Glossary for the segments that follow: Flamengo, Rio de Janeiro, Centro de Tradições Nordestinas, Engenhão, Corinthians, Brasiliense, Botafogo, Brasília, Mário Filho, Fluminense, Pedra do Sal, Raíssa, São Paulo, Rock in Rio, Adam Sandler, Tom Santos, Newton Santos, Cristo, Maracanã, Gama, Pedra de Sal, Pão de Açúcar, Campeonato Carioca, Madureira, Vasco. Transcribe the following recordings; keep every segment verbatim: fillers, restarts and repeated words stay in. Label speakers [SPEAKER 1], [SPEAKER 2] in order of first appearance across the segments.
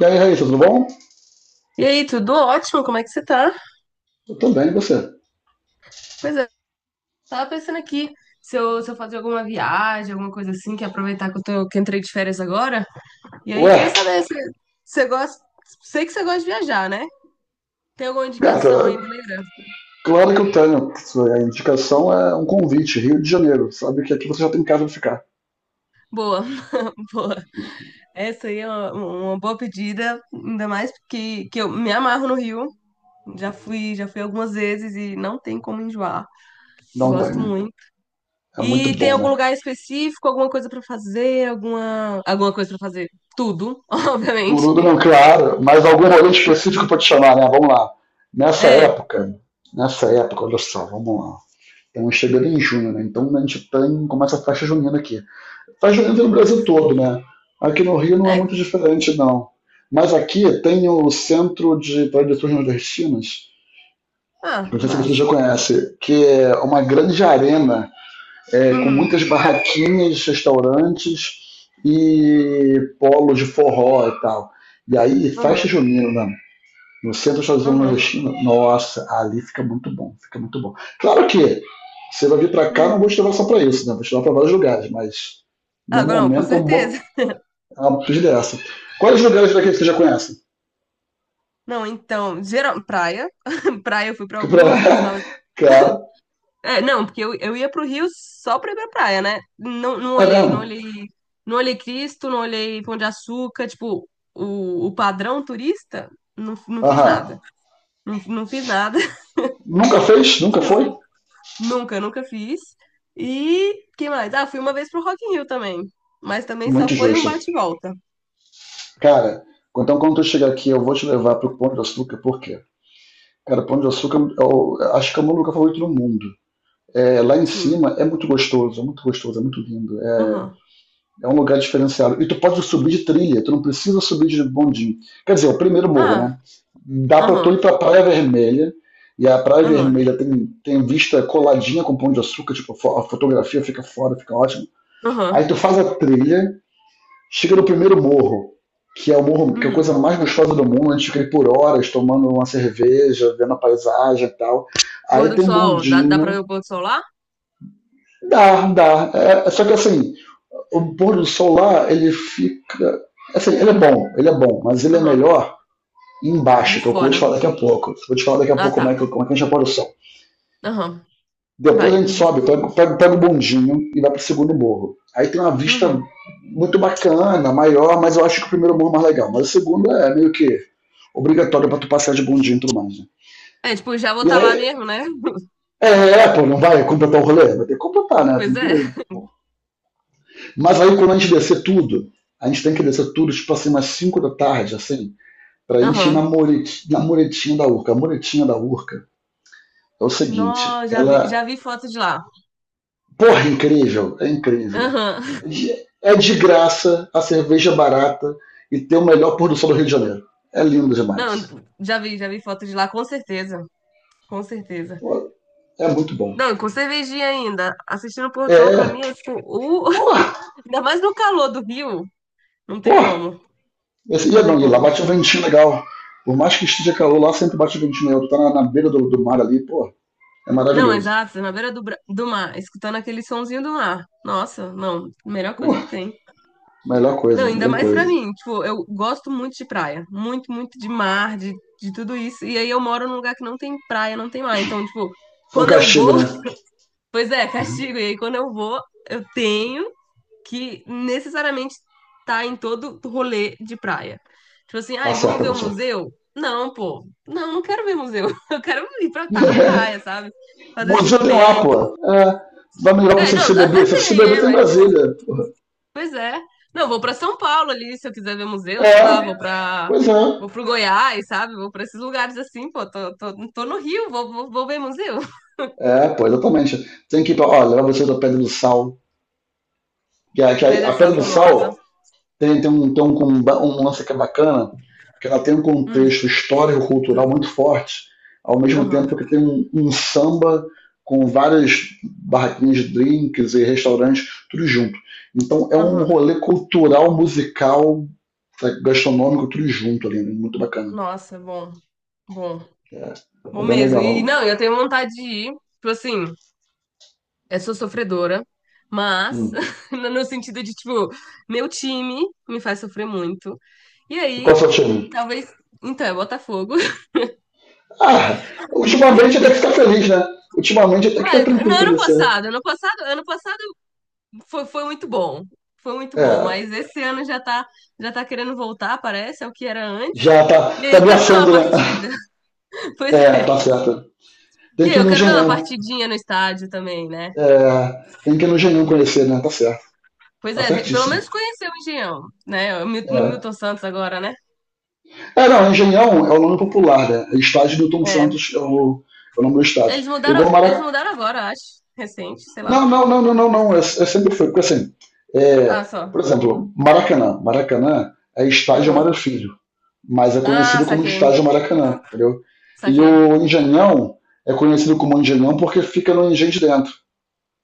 [SPEAKER 1] E aí, Raíssa, tudo bom?
[SPEAKER 2] E aí, tudo ótimo? Como é que você tá?
[SPEAKER 1] Eu também, e você?
[SPEAKER 2] Pois é, tava pensando aqui se eu, se eu fazer alguma viagem, alguma coisa assim, que aproveitar que eu tô, que eu entrei de férias agora. E aí,
[SPEAKER 1] Ué,
[SPEAKER 2] queria saber se você gosta. Sei que você gosta de viajar, né? Tem alguma
[SPEAKER 1] gata,
[SPEAKER 2] indicação aí, maneira?
[SPEAKER 1] claro que eu tenho. A indicação é um convite, Rio de Janeiro. Sabe que aqui você já tem casa pra ficar.
[SPEAKER 2] Boa, boa. Essa aí é uma, uma boa pedida, ainda mais porque que eu me amarro no Rio. Já fui, já fui algumas vezes e não tem como enjoar.
[SPEAKER 1] Não tem,
[SPEAKER 2] Gosto
[SPEAKER 1] né?
[SPEAKER 2] muito.
[SPEAKER 1] É muito
[SPEAKER 2] E tem
[SPEAKER 1] bom,
[SPEAKER 2] algum
[SPEAKER 1] né?
[SPEAKER 2] lugar específico, alguma coisa pra fazer, alguma alguma coisa pra fazer? Tudo, obviamente.
[SPEAKER 1] Turudo não, claro, mas algum rolante específico pra te chamar, né? Vamos lá. Nessa
[SPEAKER 2] É,
[SPEAKER 1] época, nessa época, olha só, vamos lá. Estamos chegando em junho, né? Então a gente tem, começa a festa junina aqui. Festa junina tem no
[SPEAKER 2] nossa,
[SPEAKER 1] Brasil
[SPEAKER 2] sim.
[SPEAKER 1] todo, né? Aqui no Rio não é
[SPEAKER 2] É.
[SPEAKER 1] muito diferente, não. Mas aqui tem o Centro de Tradições Nordestinas,
[SPEAKER 2] Ah,
[SPEAKER 1] não sei se você já
[SPEAKER 2] massa.
[SPEAKER 1] conhece, que é uma grande arena é, com
[SPEAKER 2] Uhum,
[SPEAKER 1] muitas barraquinhas, restaurantes e polos de forró e tal. E aí, festa
[SPEAKER 2] uhum,
[SPEAKER 1] junina né? No centro dos Estados Unidos
[SPEAKER 2] uhum,
[SPEAKER 1] nordestino, nossa, ali fica muito bom, fica muito bom. Claro que você vai vir para cá, não vou
[SPEAKER 2] uhum.
[SPEAKER 1] te levar só para isso, né? Vou te levar para vários lugares, mas no
[SPEAKER 2] Ah, não, com
[SPEAKER 1] momento é uma boa
[SPEAKER 2] certeza.
[SPEAKER 1] é uma dessa. Quais lugares daqui que você já conhece?
[SPEAKER 2] Não, então, geral, praia. Praia eu fui pra
[SPEAKER 1] Que pra...
[SPEAKER 2] algumas, gostava.
[SPEAKER 1] Cara,
[SPEAKER 2] É, não, porque eu, eu ia pro Rio só pra ir pra praia, né? Não, não
[SPEAKER 1] é
[SPEAKER 2] olhei,
[SPEAKER 1] mesmo?
[SPEAKER 2] não olhei, não olhei Cristo, não olhei Pão de Açúcar, tipo, o, o padrão turista, não, não fiz
[SPEAKER 1] Aham.
[SPEAKER 2] nada. Não, não fiz nada.
[SPEAKER 1] Nunca fez? Nunca
[SPEAKER 2] Deixa eu
[SPEAKER 1] foi?
[SPEAKER 2] ver. Nunca, nunca fiz. E que mais? Ah, fui uma vez pro Rock in Rio também. Mas também só
[SPEAKER 1] Muito
[SPEAKER 2] foi um
[SPEAKER 1] justo.
[SPEAKER 2] bate e volta.
[SPEAKER 1] Cara, então quando tu chegar aqui, eu vou te levar pro Pão de Açúcar, por quê? Cara, Pão de Açúcar, eu acho que é o meu lugar favorito no mundo. É, lá em
[SPEAKER 2] Sim.
[SPEAKER 1] cima é muito gostoso, é muito gostoso, é muito lindo. É,
[SPEAKER 2] Aham.
[SPEAKER 1] é um lugar diferenciado. E tu pode subir de trilha, tu não precisa subir de bondinho. Quer dizer, o primeiro morro,
[SPEAKER 2] Ah,
[SPEAKER 1] né? Dá pra tu ir
[SPEAKER 2] aham.
[SPEAKER 1] pra Praia Vermelha, e a Praia
[SPEAKER 2] Aham.
[SPEAKER 1] Vermelha tem, tem vista coladinha com Pão de Açúcar, tipo, a fo- a fotografia fica fora, fica ótimo. Aí
[SPEAKER 2] Aham.
[SPEAKER 1] tu faz a trilha, chega no primeiro morro, que é o morro, que é a coisa
[SPEAKER 2] Uhum.
[SPEAKER 1] mais gostosa do mundo, a gente fica aí por horas tomando uma cerveja, vendo a paisagem e tal.
[SPEAKER 2] Pôr
[SPEAKER 1] Aí
[SPEAKER 2] do
[SPEAKER 1] tem um
[SPEAKER 2] sol, dá, dá pra
[SPEAKER 1] bondinho.
[SPEAKER 2] ver o pôr do sol lá?
[SPEAKER 1] Dá, dá. É, é, só que assim, o pôr do sol lá, ele fica. Assim, ele é bom, ele é bom, mas ele é
[SPEAKER 2] Aham.
[SPEAKER 1] melhor
[SPEAKER 2] De
[SPEAKER 1] embaixo, que é o que eu vou te
[SPEAKER 2] fora.
[SPEAKER 1] falar daqui a pouco. Vou te falar daqui a
[SPEAKER 2] Ah,
[SPEAKER 1] pouco como é
[SPEAKER 2] tá.
[SPEAKER 1] que, como é que a gente apoia o sol.
[SPEAKER 2] Aham.
[SPEAKER 1] Depois a
[SPEAKER 2] Vai.
[SPEAKER 1] gente sobe, pega, pega, pega o bondinho e vai para o segundo morro. Aí tem uma vista
[SPEAKER 2] Uhum.
[SPEAKER 1] muito bacana, maior, mas eu acho que o primeiro morro é mais legal. Mas o segundo é meio que obrigatório para tu passar de bondinho e tudo mais. Né?
[SPEAKER 2] É, tipo, já vou
[SPEAKER 1] E
[SPEAKER 2] estar
[SPEAKER 1] aí,
[SPEAKER 2] lá mesmo, né?
[SPEAKER 1] é, é, pô, não vai completar o rolê? Vai ter que completar, né? Tem
[SPEAKER 2] Pois
[SPEAKER 1] que...
[SPEAKER 2] é.
[SPEAKER 1] Mas aí quando a gente descer tudo, a gente tem que descer tudo, tipo assim, umas cinco da tarde, assim, pra gente ir na,
[SPEAKER 2] Aham.
[SPEAKER 1] moret... na muretinha da Urca. A muretinha da Urca é o seguinte,
[SPEAKER 2] Nó, já vi,
[SPEAKER 1] ela.
[SPEAKER 2] já vi foto de lá.
[SPEAKER 1] Porra, é incrível, é incrível.
[SPEAKER 2] Aham.
[SPEAKER 1] É de graça, a cerveja é barata e tem o melhor pôr do sol do Rio de Janeiro. É lindo demais.
[SPEAKER 2] Não, já vi, já vi foto de lá, com certeza. Com certeza.
[SPEAKER 1] Porra, é muito bom.
[SPEAKER 2] Não, com cervejinha ainda. Assistindo o pôr do sol, pra
[SPEAKER 1] É,
[SPEAKER 2] mim, é tipo, o...
[SPEAKER 1] porra,
[SPEAKER 2] ainda mais no calor do Rio. Não tem
[SPEAKER 1] porra.
[SPEAKER 2] como.
[SPEAKER 1] Esse, ia
[SPEAKER 2] Não tem
[SPEAKER 1] não, ia lá,
[SPEAKER 2] como.
[SPEAKER 1] bate um ventinho legal. Por mais que esteja calor, lá sempre bate um ventinho legal. Tu tá na, na beira do, do, mar ali, porra, é
[SPEAKER 2] Não,
[SPEAKER 1] maravilhoso.
[SPEAKER 2] exato, na beira do, bra- do mar, escutando aquele sonzinho do mar. Nossa, não, melhor coisa que
[SPEAKER 1] Porra,
[SPEAKER 2] tem.
[SPEAKER 1] melhor
[SPEAKER 2] Não,
[SPEAKER 1] coisa,
[SPEAKER 2] ainda
[SPEAKER 1] melhor
[SPEAKER 2] mais
[SPEAKER 1] coisa.
[SPEAKER 2] pra
[SPEAKER 1] Isso
[SPEAKER 2] mim. Tipo, eu gosto muito de praia. Muito, muito de mar, de, de tudo isso. E aí eu moro num lugar que não tem praia, não tem mar. Então, tipo,
[SPEAKER 1] é um
[SPEAKER 2] quando eu
[SPEAKER 1] castigo,
[SPEAKER 2] vou,
[SPEAKER 1] né?
[SPEAKER 2] pois é, castigo. E aí quando eu vou, eu tenho que necessariamente tá em todo rolê de praia. Tipo assim,
[SPEAKER 1] Tá
[SPEAKER 2] ai, vamos
[SPEAKER 1] certo,
[SPEAKER 2] ver o
[SPEAKER 1] professor.
[SPEAKER 2] museu? Não, pô. Não, não quero ver museu. Eu quero ir pra estar na
[SPEAKER 1] É.
[SPEAKER 2] praia, sabe? Fazer esse
[SPEAKER 1] Museu tem lá,
[SPEAKER 2] rolê.
[SPEAKER 1] porra. É vai melhor para
[SPEAKER 2] É,
[SPEAKER 1] você se
[SPEAKER 2] não, até
[SPEAKER 1] beber. Se você se
[SPEAKER 2] tem,
[SPEAKER 1] beber,
[SPEAKER 2] né?
[SPEAKER 1] tem
[SPEAKER 2] Mas, pô,
[SPEAKER 1] Brasília. Porra.
[SPEAKER 2] pois é. Não, vou pra São Paulo ali, se eu quiser ver museu,
[SPEAKER 1] É,
[SPEAKER 2] sei lá, vou pra.
[SPEAKER 1] pois é.
[SPEAKER 2] Vou pro Goiás, sabe? Vou pra esses lugares assim, pô. Tô, tô, tô no Rio, vou, vou, vou ver museu.
[SPEAKER 1] É, pois exatamente. Tem que ir pra, ó, levar vocês pra Pedra do Sal. Que, a- que
[SPEAKER 2] Pedra
[SPEAKER 1] a,
[SPEAKER 2] de
[SPEAKER 1] a Pedra
[SPEAKER 2] Sal
[SPEAKER 1] do
[SPEAKER 2] famosa.
[SPEAKER 1] Sal tem, tem, um, tem um, comba- um lance que é bacana, que ela tem um
[SPEAKER 2] Hum,
[SPEAKER 1] contexto histórico-cultural muito forte, ao mesmo
[SPEAKER 2] aham,
[SPEAKER 1] tempo que tem um, um samba com várias barraquinhas de drinks e restaurantes, tudo junto. Então é um
[SPEAKER 2] aham.
[SPEAKER 1] rolê cultural, musical, sabe, gastronômico, tudo junto ali, né? Muito bacana.
[SPEAKER 2] Nossa, bom, bom.
[SPEAKER 1] É, é
[SPEAKER 2] Vou
[SPEAKER 1] bem
[SPEAKER 2] mesmo. E
[SPEAKER 1] legal.
[SPEAKER 2] não, eu tenho vontade de ir. Tipo assim, eu sou sofredora, mas
[SPEAKER 1] Hum.
[SPEAKER 2] no no sentido de, tipo, meu time me faz sofrer muito. E
[SPEAKER 1] E qual é o
[SPEAKER 2] aí,
[SPEAKER 1] seu time?
[SPEAKER 2] talvez. Então, é Botafogo.
[SPEAKER 1] Ah, ultimamente até que ficar feliz, né? Ultimamente até que tá
[SPEAKER 2] Mas no
[SPEAKER 1] tranquilo pra
[SPEAKER 2] ano
[SPEAKER 1] você.
[SPEAKER 2] passado, ano passado, ano passado foi, foi muito bom. Foi muito bom.
[SPEAKER 1] É,
[SPEAKER 2] Mas esse ano já tá, já tá querendo voltar, parece, ao que era antes.
[SPEAKER 1] já
[SPEAKER 2] E
[SPEAKER 1] tá,
[SPEAKER 2] aí
[SPEAKER 1] tá
[SPEAKER 2] eu quero ver uma
[SPEAKER 1] abraçando, né?
[SPEAKER 2] partida. Pois
[SPEAKER 1] É,
[SPEAKER 2] é.
[SPEAKER 1] tá certo.
[SPEAKER 2] E
[SPEAKER 1] Tem
[SPEAKER 2] aí
[SPEAKER 1] que ir
[SPEAKER 2] eu
[SPEAKER 1] no
[SPEAKER 2] quero ver uma
[SPEAKER 1] Engenhão.
[SPEAKER 2] partidinha no estádio também, né?
[SPEAKER 1] É, tem que ir no Engenhão conhecer, né? Tá certo.
[SPEAKER 2] Pois
[SPEAKER 1] Tá
[SPEAKER 2] é, tem- pelo
[SPEAKER 1] certíssimo.
[SPEAKER 2] menos conheceu o Engenhão, né? O Mil-
[SPEAKER 1] É,
[SPEAKER 2] Milton Santos agora, né?
[SPEAKER 1] é não, Engenhão é o nome popular, né? É Estádio do Tom
[SPEAKER 2] É.
[SPEAKER 1] Santos é o, é o, nome do estádio.
[SPEAKER 2] Eles mudaram,
[SPEAKER 1] Igual
[SPEAKER 2] eles
[SPEAKER 1] Maracanã.
[SPEAKER 2] mudaram agora, acho. Recente, sei lá.
[SPEAKER 1] Não, não, não, não, não, não. É, é sempre foi. Porque assim, é,
[SPEAKER 2] Ah, só.
[SPEAKER 1] por exemplo, Maracanã. Maracanã é estádio Mário
[SPEAKER 2] Aham.
[SPEAKER 1] Filho, mas é
[SPEAKER 2] Ah,
[SPEAKER 1] conhecido como
[SPEAKER 2] saquei.
[SPEAKER 1] Estádio Maracanã, entendeu? E
[SPEAKER 2] Saquei.
[SPEAKER 1] o Engenhão é conhecido como Engenhão porque fica no engenho de dentro.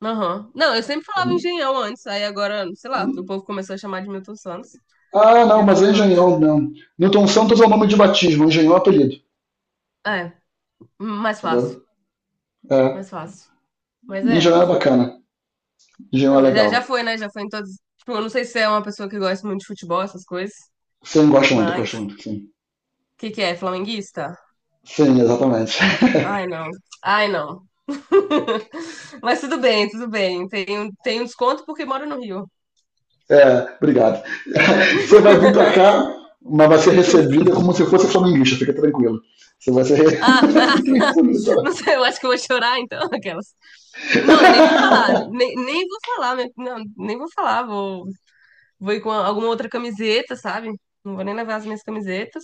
[SPEAKER 2] Aham. Não, eu sempre falava Engenhão antes, aí agora, sei lá, o povo começou a chamar de Milton Santos.
[SPEAKER 1] Ah, não, mas
[SPEAKER 2] Milton
[SPEAKER 1] é
[SPEAKER 2] Santos.
[SPEAKER 1] Engenhão mesmo. Newton Santos é o nome de batismo, Engenhão é apelido,
[SPEAKER 2] É, mais fácil.
[SPEAKER 1] entendeu? É,
[SPEAKER 2] Mais fácil. Mas é.
[SPEAKER 1] Engenhão é bacana, Engenhão é
[SPEAKER 2] Não, já, já
[SPEAKER 1] legal.
[SPEAKER 2] foi, né? Já foi em todos. Tipo, eu não sei se você é uma pessoa que gosta muito de futebol, essas coisas,
[SPEAKER 1] Sim, gosto muito,
[SPEAKER 2] mas.
[SPEAKER 1] gosto
[SPEAKER 2] O
[SPEAKER 1] muito, sim.
[SPEAKER 2] que que é? Flamenguista?
[SPEAKER 1] Sim, exatamente.
[SPEAKER 2] Ai, não. Ai, não. Mas tudo bem, tudo bem. Tem, um- tem um desconto porque moro no Rio.
[SPEAKER 1] é, obrigado. Você vai vir pra cá, mas vai ser recebida como se fosse flamenguista, fica tranquilo. Você vai ser. re-
[SPEAKER 2] Ah,
[SPEAKER 1] Fica tranquilo.
[SPEAKER 2] não sei, eu acho que eu vou chorar então, aquelas. Não, eu nem vou falar, nem, nem vou falar, meu- não, nem vou falar. Vou, vou ir com alguma outra camiseta, sabe? Não vou nem levar as minhas camisetas.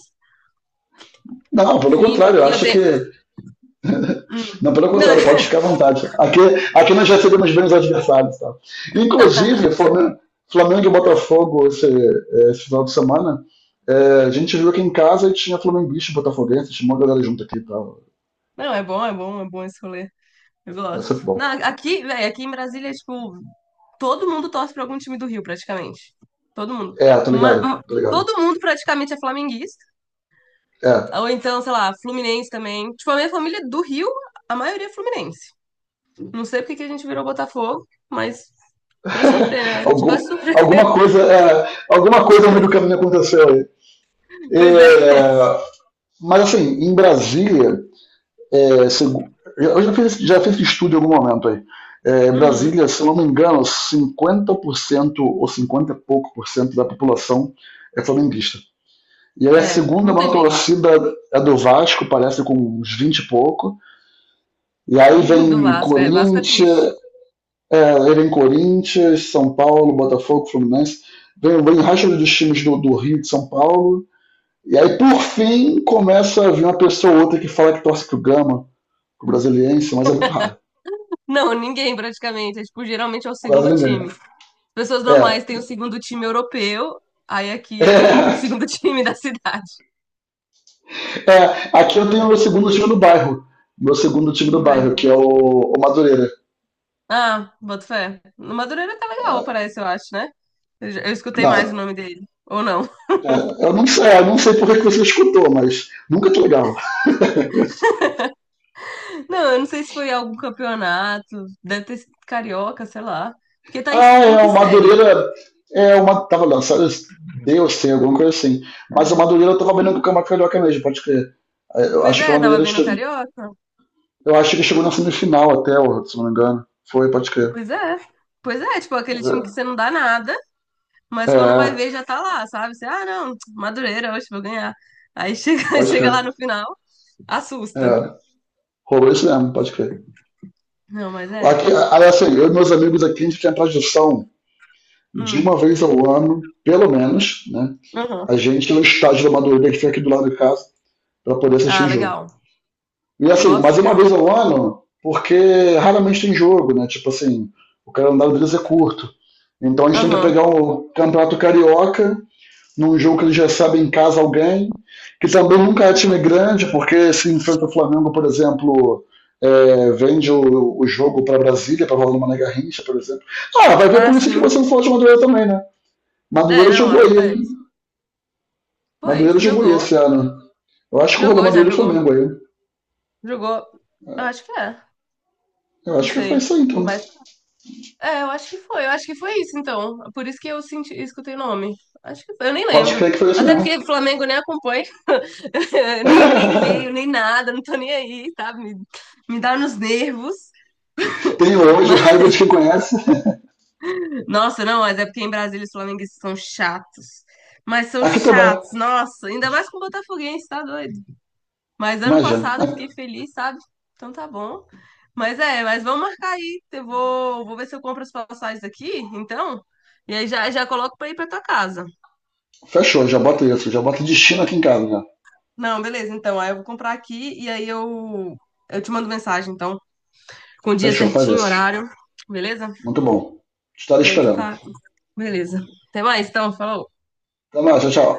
[SPEAKER 1] Não, pelo
[SPEAKER 2] Finge
[SPEAKER 1] contrário, eu
[SPEAKER 2] aqui, eu
[SPEAKER 1] acho que.
[SPEAKER 2] tenho. Hum.
[SPEAKER 1] Não, pelo
[SPEAKER 2] Não,
[SPEAKER 1] contrário, pode ficar à vontade. Aqui, aqui nós recebemos bem os adversários. Tá? Inclusive, Flamengo, Flamengo e Botafogo esse, é, esse final de semana, é, a gente viu aqui em casa e tinha flamenguista e botafoguense, tinha uma galera junto aqui tá? tal.
[SPEAKER 2] não, é bom, é bom, é bom esse rolê. Eu
[SPEAKER 1] É
[SPEAKER 2] gosto.
[SPEAKER 1] futebol.
[SPEAKER 2] Não, aqui, velho, aqui em Brasília, é, tipo, todo mundo torce pra algum time do Rio, praticamente. Todo mundo.
[SPEAKER 1] É, tô
[SPEAKER 2] Ma-
[SPEAKER 1] ligado,
[SPEAKER 2] ma-
[SPEAKER 1] tô ligado.
[SPEAKER 2] Todo mundo praticamente é flamenguista.
[SPEAKER 1] É,
[SPEAKER 2] Ou então, sei lá, Fluminense também. Tipo, a minha família do Rio, a maioria é Fluminense. Não sei porque que a gente virou Botafogo, mas pra sofrer, né? A gente vai
[SPEAKER 1] algum,
[SPEAKER 2] sofrer.
[SPEAKER 1] alguma coisa, é, alguma coisa no meio do caminho aconteceu aí.
[SPEAKER 2] Pois é.
[SPEAKER 1] É, mas assim, em Brasília, É, segu- eu já fiz, já fiz estudo em algum momento aí. É,
[SPEAKER 2] Uhum.
[SPEAKER 1] Brasília, se eu não me engano, cinquenta por cento ou cinquenta e pouco por cento da população é flamenguista. E aí a
[SPEAKER 2] É,
[SPEAKER 1] segunda
[SPEAKER 2] muita
[SPEAKER 1] maior
[SPEAKER 2] gente
[SPEAKER 1] torcida é do Vasco, parece com uns vinte e pouco. E aí
[SPEAKER 2] do
[SPEAKER 1] vem
[SPEAKER 2] Vasco. É, Vasco é triste.
[SPEAKER 1] Corinthians, é, aí vem Corinthians, São Paulo, Botafogo, Fluminense. Vem, vem o resto dos times do, do Rio de São Paulo. E aí, por fim, começa a vir uma pessoa ou outra que fala que torce pro Gama, pro Brasiliense, mas é muito raro.
[SPEAKER 2] Não, ninguém praticamente. É, tipo, geralmente é o
[SPEAKER 1] Quase
[SPEAKER 2] segundo
[SPEAKER 1] ninguém.
[SPEAKER 2] time. As pessoas
[SPEAKER 1] É.
[SPEAKER 2] normais têm o segundo time europeu, aí aqui a galera tem o segundo time da cidade.
[SPEAKER 1] É, é. Aqui eu
[SPEAKER 2] Mas
[SPEAKER 1] tenho o
[SPEAKER 2] é,
[SPEAKER 1] meu segundo time do bairro. Meu segundo time do
[SPEAKER 2] não vai.
[SPEAKER 1] bairro, que é o, o Madureira.
[SPEAKER 2] Ah, boto fé. No Madureira tá legal, parece, eu acho, né? Eu, já- eu escutei mais o
[SPEAKER 1] Não,
[SPEAKER 2] nome dele. Ou não.
[SPEAKER 1] é, eu não sei, eu não sei por que que você escutou, mas nunca que legal.
[SPEAKER 2] Não, eu não sei se foi algum campeonato, deve ter sido carioca, sei lá. Porque tá em,
[SPEAKER 1] Ah,
[SPEAKER 2] tá em
[SPEAKER 1] é,
[SPEAKER 2] que
[SPEAKER 1] o
[SPEAKER 2] série?
[SPEAKER 1] Madureira é uma. Tava lançado Deus tem alguma coisa assim. Mas o
[SPEAKER 2] É.
[SPEAKER 1] Madureira tava vendendo com o Carioca mesmo, pode crer. É, Eu
[SPEAKER 2] Pois
[SPEAKER 1] acho que o
[SPEAKER 2] é, tava
[SPEAKER 1] Madureira.
[SPEAKER 2] vendo o
[SPEAKER 1] che-
[SPEAKER 2] carioca.
[SPEAKER 1] Eu acho que chegou na semifinal até, ó, se não me engano. Foi, pode crer.
[SPEAKER 2] Pois é. Pois é, tipo, aquele time que você não dá nada,
[SPEAKER 1] É,
[SPEAKER 2] mas quando vai ver
[SPEAKER 1] é,
[SPEAKER 2] já tá lá, sabe? Você, ah, não, Madureira, hoje vou ganhar. Aí chega,
[SPEAKER 1] pode
[SPEAKER 2] chega
[SPEAKER 1] crer.
[SPEAKER 2] lá no final,
[SPEAKER 1] É,
[SPEAKER 2] assusta.
[SPEAKER 1] rolou isso mesmo, pode crer.
[SPEAKER 2] Não, mas é.
[SPEAKER 1] Aqui, assim, eu e meus amigos aqui, a gente tem a tradição de
[SPEAKER 2] Hum,
[SPEAKER 1] uma vez ao ano, pelo menos, né?
[SPEAKER 2] aham.
[SPEAKER 1] A gente ir no estádio do Madureira que fica aqui do lado de casa para poder assistir
[SPEAKER 2] Ah,
[SPEAKER 1] o jogo.
[SPEAKER 2] legal.
[SPEAKER 1] E assim,
[SPEAKER 2] Nossa,
[SPEAKER 1] mas uma
[SPEAKER 2] legal.
[SPEAKER 1] vez ao ano, porque raramente tem jogo, né? Tipo assim, o calendário deles é curto. Então a gente tem que
[SPEAKER 2] Aham,
[SPEAKER 1] pegar o Campeonato Carioca num jogo que ele recebe em casa alguém, que também nunca é time
[SPEAKER 2] aham.
[SPEAKER 1] grande, porque se enfrenta o Flamengo, por exemplo, é, vende o, o jogo para Brasília, para rolar no Mané Garrincha, por exemplo. Ah, vai ver
[SPEAKER 2] Ah,
[SPEAKER 1] por isso que
[SPEAKER 2] sim.
[SPEAKER 1] você não falou de Madureira também, né?
[SPEAKER 2] É,
[SPEAKER 1] Madureira
[SPEAKER 2] não,
[SPEAKER 1] jogou aí.
[SPEAKER 2] acontece. Foi,
[SPEAKER 1] Madureira jogou aí
[SPEAKER 2] jogou.
[SPEAKER 1] esse ano. Eu acho que roubou
[SPEAKER 2] Jogou, já
[SPEAKER 1] Madureira e
[SPEAKER 2] jogou.
[SPEAKER 1] Flamengo aí.
[SPEAKER 2] Jogou. Eu acho que é.
[SPEAKER 1] Eu
[SPEAKER 2] Não
[SPEAKER 1] acho que foi
[SPEAKER 2] sei.
[SPEAKER 1] isso aí, então.
[SPEAKER 2] Mas é, eu acho que foi. Eu acho que foi isso, então. Por isso que eu senti, escutei o nome. Acho que foi. Eu nem
[SPEAKER 1] Pode
[SPEAKER 2] lembro.
[SPEAKER 1] crer que foi isso
[SPEAKER 2] Até
[SPEAKER 1] mesmo.
[SPEAKER 2] porque Flamengo nem acompanho. Nem, nem leio, nem nada. Não tô nem aí, sabe? Me, me dá nos nervos.
[SPEAKER 1] Tenho hoje o
[SPEAKER 2] Mas,
[SPEAKER 1] raiva de quem conhece.
[SPEAKER 2] nossa, não, mas é porque em Brasília os flamenguistas são chatos. Mas são
[SPEAKER 1] Aqui também.
[SPEAKER 2] chatos, nossa. Ainda mais com o Botafoguense, tá doido? Mas ano
[SPEAKER 1] Imagina.
[SPEAKER 2] passado eu fiquei feliz, sabe? Então tá bom. Mas é, mas vamos marcar aí. Eu vou, vou ver se eu compro as passagens aqui, então. E aí já, já coloco pra ir pra tua casa.
[SPEAKER 1] Fechou, já bota isso. Já bota destino
[SPEAKER 2] Fechou?
[SPEAKER 1] aqui em casa. Já.
[SPEAKER 2] Não, beleza, então. Aí eu vou comprar aqui e aí eu, eu te mando mensagem, então. Com o dia
[SPEAKER 1] Fechou, faz
[SPEAKER 2] certinho,
[SPEAKER 1] isso.
[SPEAKER 2] horário. Beleza?
[SPEAKER 1] Muito bom. Estarei
[SPEAKER 2] Não, então
[SPEAKER 1] esperando.
[SPEAKER 2] tá. Beleza. Até mais, então. Falou.
[SPEAKER 1] Até mais, tchau, tchau.